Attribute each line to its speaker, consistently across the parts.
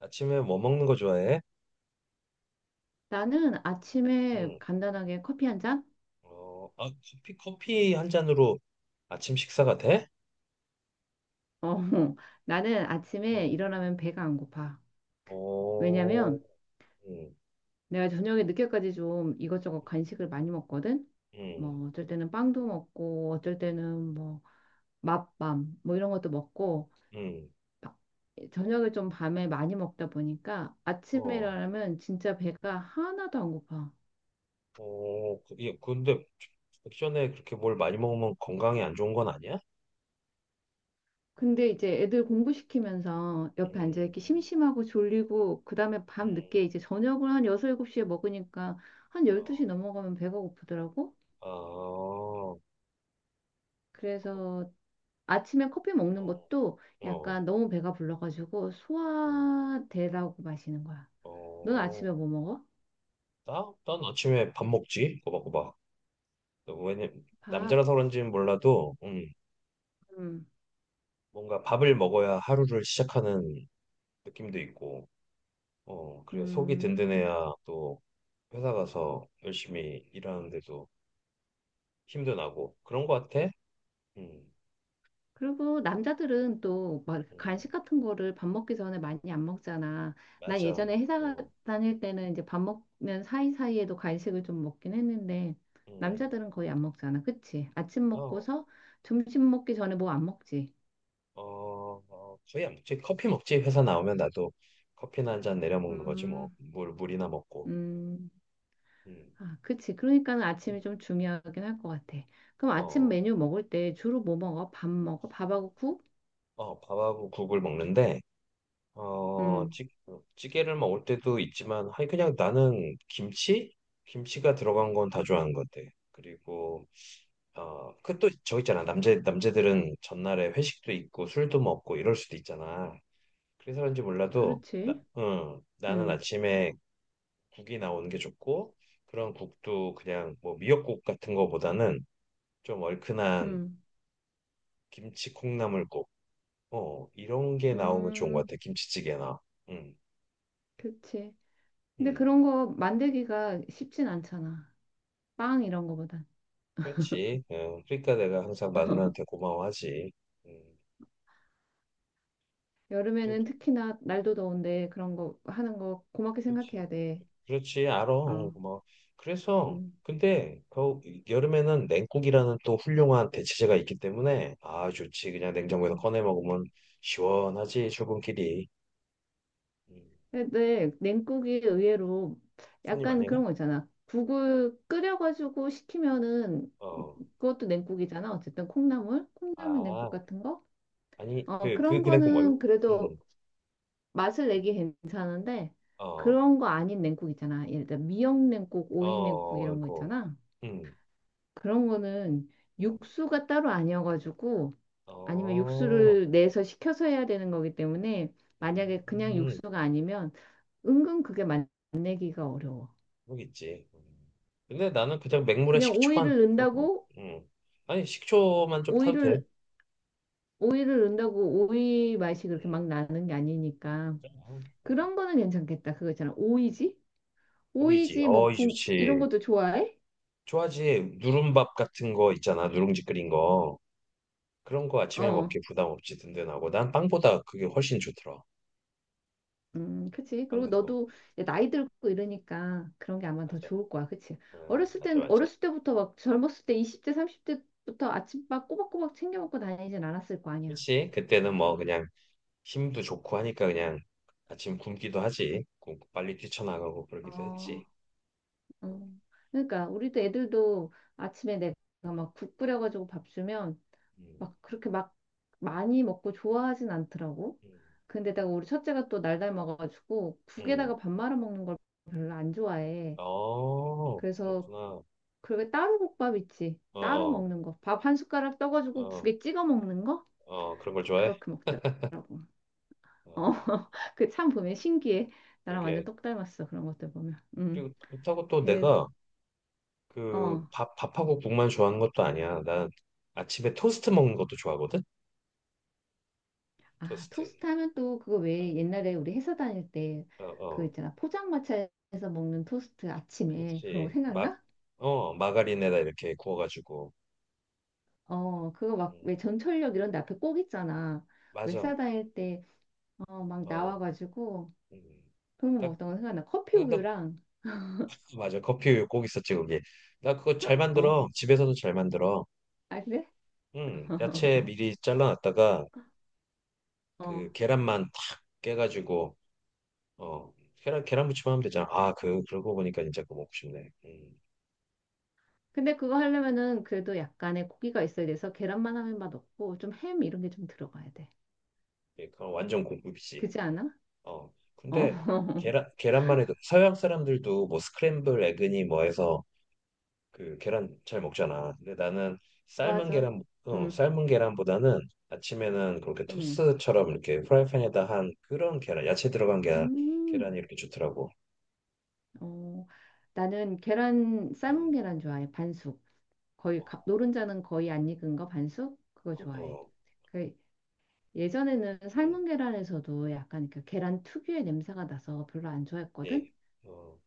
Speaker 1: 아침에 뭐 먹는 거 좋아해?
Speaker 2: 나는 아침에
Speaker 1: 응.
Speaker 2: 간단하게 커피 한 잔?
Speaker 1: 어, 아, 커피 한 잔으로 아침 식사가 돼?
Speaker 2: 어, 나는 아침에
Speaker 1: 응.
Speaker 2: 일어나면 배가 안 고파.
Speaker 1: 어,
Speaker 2: 왜냐면
Speaker 1: 응,
Speaker 2: 내가 저녁에 늦게까지 좀 이것저것 간식을 많이 먹거든?
Speaker 1: 응, 응,
Speaker 2: 뭐 어쩔 때는 빵도 먹고 어쩔 때는 뭐 맛밤 뭐 이런 것도 먹고
Speaker 1: 응, 응.
Speaker 2: 바- 저녁을 좀 밤에 많이 먹다 보니까 아침에
Speaker 1: 어,
Speaker 2: 일어나면 진짜 배가 하나도 안 고파.
Speaker 1: 어, 예, 근데 액션에 그렇게 뭘 많이 먹으면 건강에 안 좋은 건 아니야?
Speaker 2: 근데 이제 애들 공부시키면서 옆에 앉아있기
Speaker 1: 음,
Speaker 2: 심심하고 졸리고 그다음에 밤늦게
Speaker 1: 음,
Speaker 2: 이제 저녁을 한 6, 7시에 먹으니까 한
Speaker 1: 어,
Speaker 2: 12시 넘어가면 배가 고프더라고.
Speaker 1: 아, 그렇,
Speaker 2: 그래서 아침에 커피 먹는
Speaker 1: 어,
Speaker 2: 것도
Speaker 1: 어,
Speaker 2: 약간 너무 배가 불러가지고
Speaker 1: 어,
Speaker 2: 소화되라고 마시는 거야. 넌
Speaker 1: 어.
Speaker 2: 아침에 뭐 먹어?
Speaker 1: 난 아침에 밥 먹지, 꼬박꼬박. 왜냐,
Speaker 2: 밥.
Speaker 1: 남자라서 그런지는 몰라도, 응.
Speaker 2: 음.
Speaker 1: 뭔가 밥을 먹어야 하루를 시작하는 느낌도 있고, 어, 그래 속이
Speaker 2: 음.
Speaker 1: 든든해야 또 회사 가서 열심히 일하는데도 힘도 나고 그런 것 같아. 음,
Speaker 2: 그리고 남자들은 또 막
Speaker 1: 음,
Speaker 2: 간식 같은 거를 밥 먹기 전에 많이 안 먹잖아. 난
Speaker 1: 맞아.
Speaker 2: 예전에 회사
Speaker 1: 어,
Speaker 2: 다닐 때는 이제 밥 먹는 사이사이에도 간식을 좀 먹긴 했는데
Speaker 1: 음,
Speaker 2: 남자들은 거의 안 먹잖아. 그치? 아침
Speaker 1: 어,
Speaker 2: 먹고서 점심 먹기 전에 뭐 안 먹지?
Speaker 1: 어, 어, 거의 안 먹지. 커피 먹지. 회사 나오면 나도 커피나 한잔 내려 먹는 거지 뭐.
Speaker 2: 음,
Speaker 1: 물 물이나 먹고.
Speaker 2: 음.
Speaker 1: 음,
Speaker 2: 아, 그치. 그러니까는
Speaker 1: 음.
Speaker 2: 아침이 좀 중요하긴 할 것 같아. 그럼 아침
Speaker 1: 어,
Speaker 2: 메뉴 먹을 때 주로 뭐 먹어? 밥 먹어? 밥하고 국?
Speaker 1: 어, 밥하고 국을 먹는데. 어,
Speaker 2: 음,
Speaker 1: 찌개를 먹을 때도 있지만, 아니, 그냥 나는 김치? 김치가 들어간 건 다 좋아하는 것 같아. 그리고, 어, 그 또 저 있잖아. 남자들은 전날에 회식도 있고, 술도 먹고, 이럴 수도 있잖아. 그래서 그런지 몰라도,
Speaker 2: 그렇지.
Speaker 1: 나, 응, 나는
Speaker 2: 음,
Speaker 1: 아침에 국이 나오는 게 좋고, 그런 국도 그냥 뭐 미역국 같은 거보다는 좀 얼큰한
Speaker 2: 음,
Speaker 1: 김치 콩나물국, 어, 이런 게 나오면 좋은 것
Speaker 2: 음,
Speaker 1: 같아. 김치찌개나. 응,
Speaker 2: 그치. 근데
Speaker 1: 응.
Speaker 2: 그런 거 만들기가 쉽진 않잖아. 빵 이런 거보단.
Speaker 1: 그렇지. 어, 그러니까 내가 항상 마누라한테 고마워하지. 음, 그래,
Speaker 2: 여름에는 특히나 날도 더운데 그런 거 하는 거 고맙게
Speaker 1: 그렇지.
Speaker 2: 생각해야 돼.
Speaker 1: 그렇지. 알아. 어,
Speaker 2: 어,
Speaker 1: 고마워. 그래서
Speaker 2: 음,
Speaker 1: 근데 겨 여름에는 냉국이라는 또 훌륭한 대체제가 있기 때문에 아 좋지. 그냥 냉장고에서
Speaker 2: 음.
Speaker 1: 꺼내 먹으면 시원하지. 출근길이. 음,
Speaker 2: 근데 냉국이 의외로
Speaker 1: 손이
Speaker 2: 약간
Speaker 1: 많이 가?
Speaker 2: 그런 거 있잖아. 국을 끓여가지고 식히면은
Speaker 1: 어.
Speaker 2: 그것도 냉국이잖아. 어쨌든 콩나물, 콩나물 냉국
Speaker 1: 아
Speaker 2: 같은 거.
Speaker 1: 아니
Speaker 2: 어,
Speaker 1: 그그 그,
Speaker 2: 그런
Speaker 1: 그 냉국
Speaker 2: 거는
Speaker 1: 말고. 음.
Speaker 2: 그래도 맛을 내기 괜찮은데
Speaker 1: 어.
Speaker 2: 그런 거 아닌 냉국 있잖아. 예를 들어 미역 냉국, 오이 냉국
Speaker 1: 어.
Speaker 2: 이런 거
Speaker 1: 그.
Speaker 2: 있잖아.
Speaker 1: 음.
Speaker 2: 그런 거는
Speaker 1: 음.
Speaker 2: 육수가 따로 아니어가지고 아니면
Speaker 1: 어.
Speaker 2: 육수를 내서 시켜서 해야 되는 거기 때문에 만약에 그냥
Speaker 1: 음.
Speaker 2: 육수가 아니면 은근 그게 맛내기가 어려워.
Speaker 1: 모르겠지. 음. 근데 나는 그냥 맹물에
Speaker 2: 그냥
Speaker 1: 식초만
Speaker 2: 오이를
Speaker 1: 타도.
Speaker 2: 넣는다고
Speaker 1: 음. 아니 식초만 좀 타도 돼.
Speaker 2: 오이를 오이를 넣는다고 오이 맛이 그렇게 막 나는 게 아니니까
Speaker 1: 음. 음.
Speaker 2: 그런 거는 괜찮겠다. 그거 있잖아. 오이지?
Speaker 1: 오이지,
Speaker 2: 오이지 뭐
Speaker 1: 어이
Speaker 2: 이런
Speaker 1: 좋지.
Speaker 2: 것도 좋아해?
Speaker 1: 좋아하지. 누룽밥 같은 거 있잖아. 누룽지 끓인 거. 그런 거 아침에
Speaker 2: 어.
Speaker 1: 먹기 부담 없이 든든하고 난 빵보다 그게 훨씬 좋더라.
Speaker 2: 그치.
Speaker 1: 빵
Speaker 2: 그리고
Speaker 1: 같은 거.
Speaker 2: 너도 이제 나이 들고 이러니까 그런 게 아마 더
Speaker 1: 맞아.
Speaker 2: 좋을 거야. 그치. 어렸을
Speaker 1: 맞아
Speaker 2: 땐,
Speaker 1: 맞아.
Speaker 2: 어렸을 때부터 막 젊었을 때 20대, 30대부터 아침밥 꼬박꼬박 챙겨 먹고 다니진 않았을 거 아니야.
Speaker 1: 그치? 그때는 뭐 그냥 힘도 좋고 하니까 그냥 아침 굶기도 하지. 굶고 빨리 뛰쳐나가고 그러기도
Speaker 2: 어,
Speaker 1: 했지. 응,
Speaker 2: 음. 그러니까 우리도 애들도 아침에 내가 막 국 끓여가지고 밥 주면
Speaker 1: 음.
Speaker 2: 막 그렇게 막 많이 먹고 좋아하진 않더라고.
Speaker 1: 음.
Speaker 2: 근데다가 우리 첫째가 또 날달 먹어가지고
Speaker 1: 음.
Speaker 2: 국에다가 밥 말아 먹는 걸 별로 안 좋아해.
Speaker 1: 어,
Speaker 2: 그래서
Speaker 1: 그렇구나. 어,
Speaker 2: 그리고 따로 국밥 있지. 따로
Speaker 1: 어,
Speaker 2: 먹는 거. 밥 한 숟가락 떠가지고
Speaker 1: 어,
Speaker 2: 국에 찍어 먹는 거?
Speaker 1: 어, 그런 걸 좋아해?
Speaker 2: 그렇게 먹더라고. 어,
Speaker 1: 어,
Speaker 2: 그 참 보면 신기해. 나랑 완전
Speaker 1: 그러게.
Speaker 2: 똑 닮았어. 그런 것들 보면. 음.
Speaker 1: 그리고 그렇다고 또
Speaker 2: 그,
Speaker 1: 내가 그
Speaker 2: 어.
Speaker 1: 밥하고 국만 좋아하는 것도 아니야. 난 아침에 토스트 먹는 것도 좋아하거든?
Speaker 2: 아,
Speaker 1: 토스트.
Speaker 2: 토스트 하면 또 그거
Speaker 1: 어,
Speaker 2: 왜 옛날에 우리 회사 다닐 때
Speaker 1: 어,
Speaker 2: 그
Speaker 1: 어.
Speaker 2: 있잖아. 포장마차에서 먹는 토스트 아침에. 그런 거
Speaker 1: 그치.
Speaker 2: 생각나?
Speaker 1: 마가린에다 이렇게 구워가지고.
Speaker 2: 어, 그거
Speaker 1: 음,
Speaker 2: 막 왜 전철역 이런 데 앞에 꼭 있잖아. 왜
Speaker 1: 맞아.
Speaker 2: 회사 다닐 때, 어, 막
Speaker 1: 어,
Speaker 2: 나와가지고
Speaker 1: 음.
Speaker 2: 그런 거
Speaker 1: 딱,
Speaker 2: 먹었던
Speaker 1: 그,
Speaker 2: 거 생각나. 커피
Speaker 1: 그, 딱,
Speaker 2: 우유랑,
Speaker 1: 그 맞아. 커피 꼭 있었지, 거기. 나 그거 잘
Speaker 2: 어,
Speaker 1: 만들어. 집에서도 잘 만들어.
Speaker 2: 아, 그래?
Speaker 1: 야채 미리 잘라놨다가
Speaker 2: 어.
Speaker 1: 그 계란만 탁 깨가지고 어 계란무침 하면 되잖아. 아 그 그러고 보니까 진짜 그거 먹고 싶네.
Speaker 2: 근데 그거 하려면은 그래도 약간의 고기가 있어야 돼서 계란만 하면 맛없고 좀 햄 이런 게 좀 들어가야 돼.
Speaker 1: 예, 그건 완전 공급이지.
Speaker 2: 그지 않아?
Speaker 1: 어
Speaker 2: 어.
Speaker 1: 근데 계란만 해도 서양 사람들도 뭐 스크램블 에그니 뭐 해서 그 계란 잘 먹잖아. 근데 나는
Speaker 2: 맞아. 응.
Speaker 1: 삶은 계란보다는 아침에는 그렇게
Speaker 2: 응.
Speaker 1: 토스처럼 이렇게 프라이팬에다 한 그런 계란 야채 들어간 계란 계란이
Speaker 2: 음.
Speaker 1: 이렇게 좋더라고.
Speaker 2: 어. 나는 계란 삶은
Speaker 1: 음,
Speaker 2: 계란 좋아해. 반숙.
Speaker 1: 어,
Speaker 2: 거의 노른자는 거의 안 익은 거 반숙 그거
Speaker 1: 어,
Speaker 2: 좋아해.
Speaker 1: 어,
Speaker 2: 그 예전에는
Speaker 1: 음,
Speaker 2: 삶은 계란에서도 약간 그 계란 특유의 냄새가 나서 별로 안 좋아했거든.
Speaker 1: 네, 어,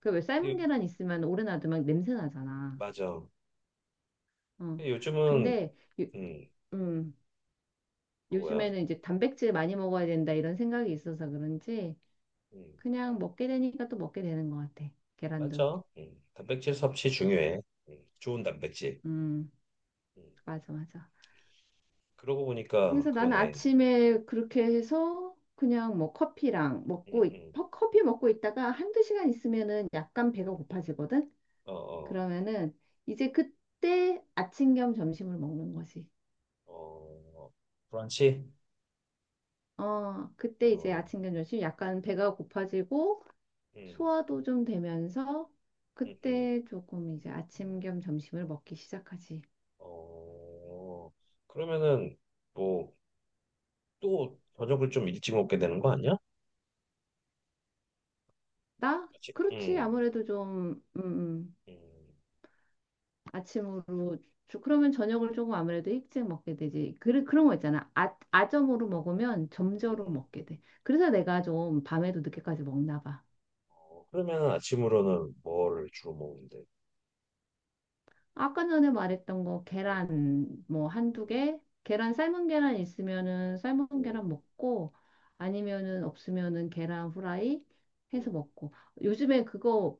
Speaker 2: 그 왜 삶은
Speaker 1: 이-
Speaker 2: 계란 있으면 오래 놔두면 냄새 나잖아.
Speaker 1: 맞아.
Speaker 2: 어.
Speaker 1: 근데 요즘은
Speaker 2: 근데
Speaker 1: 음,
Speaker 2: 음,
Speaker 1: 그 뭐야?
Speaker 2: 요즘에는 이제 단백질 많이 먹어야 된다 이런 생각이 있어서 그런지
Speaker 1: 음,
Speaker 2: 그냥 먹게 되니까 또 먹게 되는 것 같아. 계란도.
Speaker 1: 맞아. 단백질 섭취 중요해. 좋은 단백질.
Speaker 2: 음,
Speaker 1: 음,
Speaker 2: 맞아, 맞아.
Speaker 1: 그러고 보니까
Speaker 2: 그래서 나는
Speaker 1: 그러네.
Speaker 2: 아침에 그렇게 해서 그냥 뭐 커피랑
Speaker 1: 음,
Speaker 2: 먹고,
Speaker 1: 음,
Speaker 2: 커피 먹고 있다가 한두 시간 있으면은 약간
Speaker 1: 어,
Speaker 2: 배가 고파지거든?
Speaker 1: 어,
Speaker 2: 그러면은 이제 그때 아침 겸 점심을 먹는 거지.
Speaker 1: 어, 어, 브런치?
Speaker 2: 어, 그때 이제
Speaker 1: 어,
Speaker 2: 아침 겸 점심 약간 배가 고파지고
Speaker 1: 음,
Speaker 2: 소화도 좀 되면서
Speaker 1: 음, 음.
Speaker 2: 그때 조금 이제 아침 겸 점심을 먹기 시작하지.
Speaker 1: 어, 그러면은 뭐 또 저녁을 좀 일찍 먹게 되는 거 아니야?
Speaker 2: 나?
Speaker 1: 아침,
Speaker 2: 그렇지. 아무래도 좀
Speaker 1: 음, 음.
Speaker 2: 아침으로 그러면 저녁을 조금 아무래도 일찍 먹게 되지. 그, 그런 거 있잖아. 아, 아점으로 먹으면 점저로 먹게 돼. 그래서 내가 좀 밤에도 늦게까지 먹나 봐.
Speaker 1: 어, 그러면은 아침으로는 뭐를 주로 먹는데?
Speaker 2: 아까 전에 말했던 거
Speaker 1: 음,
Speaker 2: 계란 뭐 한두
Speaker 1: 음,
Speaker 2: 개 계란 삶은 계란 있으면은 삶은
Speaker 1: 음,
Speaker 2: 계란 먹고 아니면은 없으면은 계란 후라이 해서
Speaker 1: 음.
Speaker 2: 먹고 요즘에 그거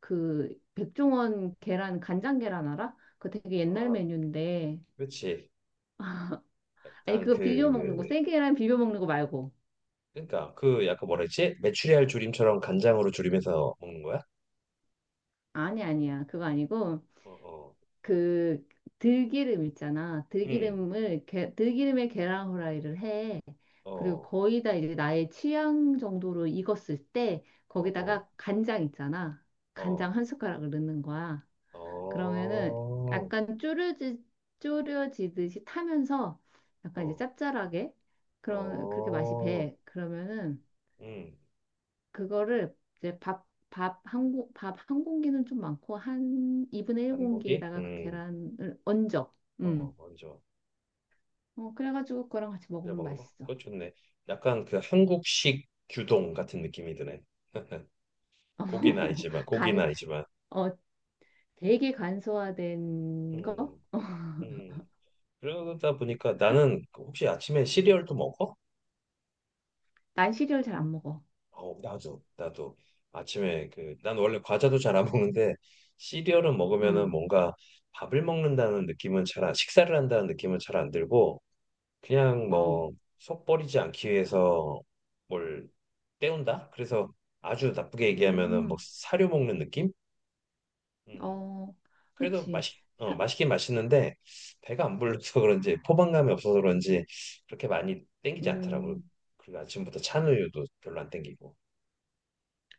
Speaker 2: 그 백종원 계란 간장 계란 알아? 그거 되게 옛날
Speaker 1: 아.
Speaker 2: 메뉴인데
Speaker 1: 그렇지.
Speaker 2: 아니
Speaker 1: 약간
Speaker 2: 그거 비벼
Speaker 1: 그
Speaker 2: 먹는 거 생계란 비벼 먹는 거 말고
Speaker 1: 그러니까 그 약간 뭐라 했지? 메추리알 조림처럼 간장으로 조림해서 먹는 거야?
Speaker 2: 아니 아니야 그거 아니고
Speaker 1: 어, 어.
Speaker 2: 그 들기름 있잖아.
Speaker 1: 응.
Speaker 2: 들기름에 계란 후라이를 해. 그리고
Speaker 1: 어.
Speaker 2: 거의 다 이제 나의 취향 정도로 익었을 때
Speaker 1: 어, 어.
Speaker 2: 거기다가 간장 있잖아.
Speaker 1: 어.
Speaker 2: 간장 한 숟가락을 넣는 거야. 그러면은
Speaker 1: 어.
Speaker 2: 약간 쪼려지듯이 타면서 약간 이제
Speaker 1: 어.
Speaker 2: 짭짤하게 그런 그렇게 맛이
Speaker 1: 어.
Speaker 2: 배. 그러면은
Speaker 1: 음.
Speaker 2: 그거를 이제 밥 한 공기는 좀 많고 한 2분의 1
Speaker 1: 반고기?
Speaker 2: 공기에다가 그
Speaker 1: 음.
Speaker 2: 계란을 얹어.
Speaker 1: 어,
Speaker 2: 음.
Speaker 1: 어, 먼저.
Speaker 2: 어, 그래가지고 그거랑 같이
Speaker 1: 내가
Speaker 2: 먹으면
Speaker 1: 먹는 거?
Speaker 2: 맛있어.
Speaker 1: 그거 좋네. 약간 그 한국식 규동 같은 느낌이 드네. 고기는 아니지만 고기는
Speaker 2: 간,
Speaker 1: 아니지만.
Speaker 2: 어, 되게 간소화된 거?
Speaker 1: 음.
Speaker 2: 어,
Speaker 1: 음. 그러다 보니까 나는 혹시 아침에 시리얼도 먹어?
Speaker 2: 난 시리얼 잘 안 먹어.
Speaker 1: 어, 나도 아침에 그, 난 원래 과자도 잘 안 먹는데 시리얼은 먹으면은
Speaker 2: 응,
Speaker 1: 뭔가 밥을 먹는다는 느낌은 잘 안, 식사를 한다는 느낌은 잘 안 들고 그냥
Speaker 2: 어,
Speaker 1: 뭐 속 버리지 않기 위해서 뭘 때운다? 그래서 아주 나쁘게 얘기하면은 뭐
Speaker 2: 음,
Speaker 1: 사료 먹는 느낌? 음,
Speaker 2: 어,
Speaker 1: 그래도
Speaker 2: 그치. 사,
Speaker 1: 맛있긴 맛있는데 배가 안 불러서 그런지 포만감이 없어서 그런지 그렇게 많이 땡기지 않더라고.
Speaker 2: 음,
Speaker 1: 그리고 아침부터 찬우유도 별로 안 땡기고.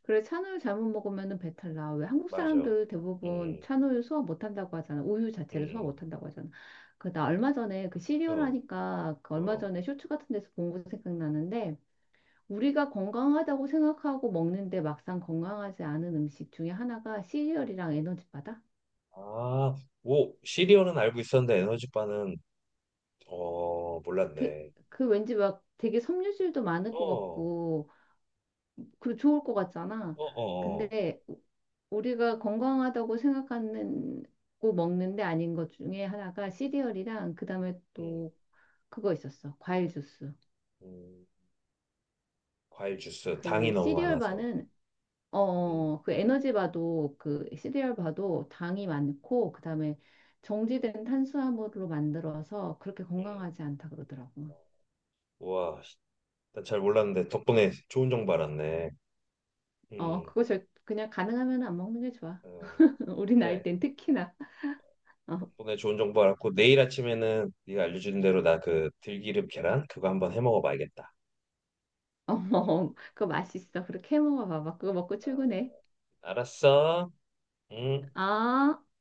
Speaker 2: 그래, 찬우유 잘못 먹으면은 배탈 나. 왜 한국
Speaker 1: 맞아.
Speaker 2: 사람들
Speaker 1: 음,
Speaker 2: 대부분
Speaker 1: 음.
Speaker 2: 찬우유 소화 못 한다고 하잖아. 우유
Speaker 1: 음,
Speaker 2: 자체를 소화 못
Speaker 1: 음.
Speaker 2: 한다고 하잖아. 그, 나 얼마 전에 그 시리얼
Speaker 1: 어,
Speaker 2: 하니까 그 얼마
Speaker 1: 어.
Speaker 2: 전에 쇼츠 같은 데서 본 거 생각나는데 우리가 건강하다고 생각하고 먹는데 막상 건강하지 않은 음식 중에 하나가 시리얼이랑 에너지바다?
Speaker 1: 아, 오, 시리얼은 알고 있었는데 에너지바는 어,
Speaker 2: 그,
Speaker 1: 몰랐네.
Speaker 2: 그 왠지 막 되게 섬유질도 많을
Speaker 1: 어,
Speaker 2: 것
Speaker 1: 어,
Speaker 2: 같고 그 좋을 것 같잖아.
Speaker 1: 어, 어.
Speaker 2: 근데 우리가 건강하다고 생각하는 고 먹는 데 아닌 것 중에 하나가 시리얼이랑 그다음에
Speaker 1: 음,
Speaker 2: 또 그거 있었어. 과일 주스.
Speaker 1: 음. 과일 주스, 당이
Speaker 2: 그
Speaker 1: 너무
Speaker 2: 시리얼
Speaker 1: 많아서.
Speaker 2: 바는 어, 어,
Speaker 1: 음,
Speaker 2: 어, 그
Speaker 1: 음,
Speaker 2: 에너지 바도 그 시리얼 바도 당이 많고 그다음에 정지된 탄수화물로 만들어서 그렇게
Speaker 1: 음.
Speaker 2: 건강하지 않다 그러더라고.
Speaker 1: 우와, 난잘 몰랐는데 덕분에 좋은 정보 알았네.
Speaker 2: 어,
Speaker 1: 음,
Speaker 2: 그거 절 그냥 가능하면 안 먹는 게 좋아.
Speaker 1: 어,
Speaker 2: 우리 나이
Speaker 1: 그래.
Speaker 2: 땐 특히나. 어.
Speaker 1: 덕분에 좋은 정보 알았고 내일 아침에는 네가 알려준 대로 나 그 들기름 계란 그거 한번 해 먹어봐야겠다.
Speaker 2: 어머, 그거 맛있어. 그렇게 해 먹어봐봐. 그거 먹고
Speaker 1: 어,
Speaker 2: 출근해.
Speaker 1: 알았어. 응.
Speaker 2: 아.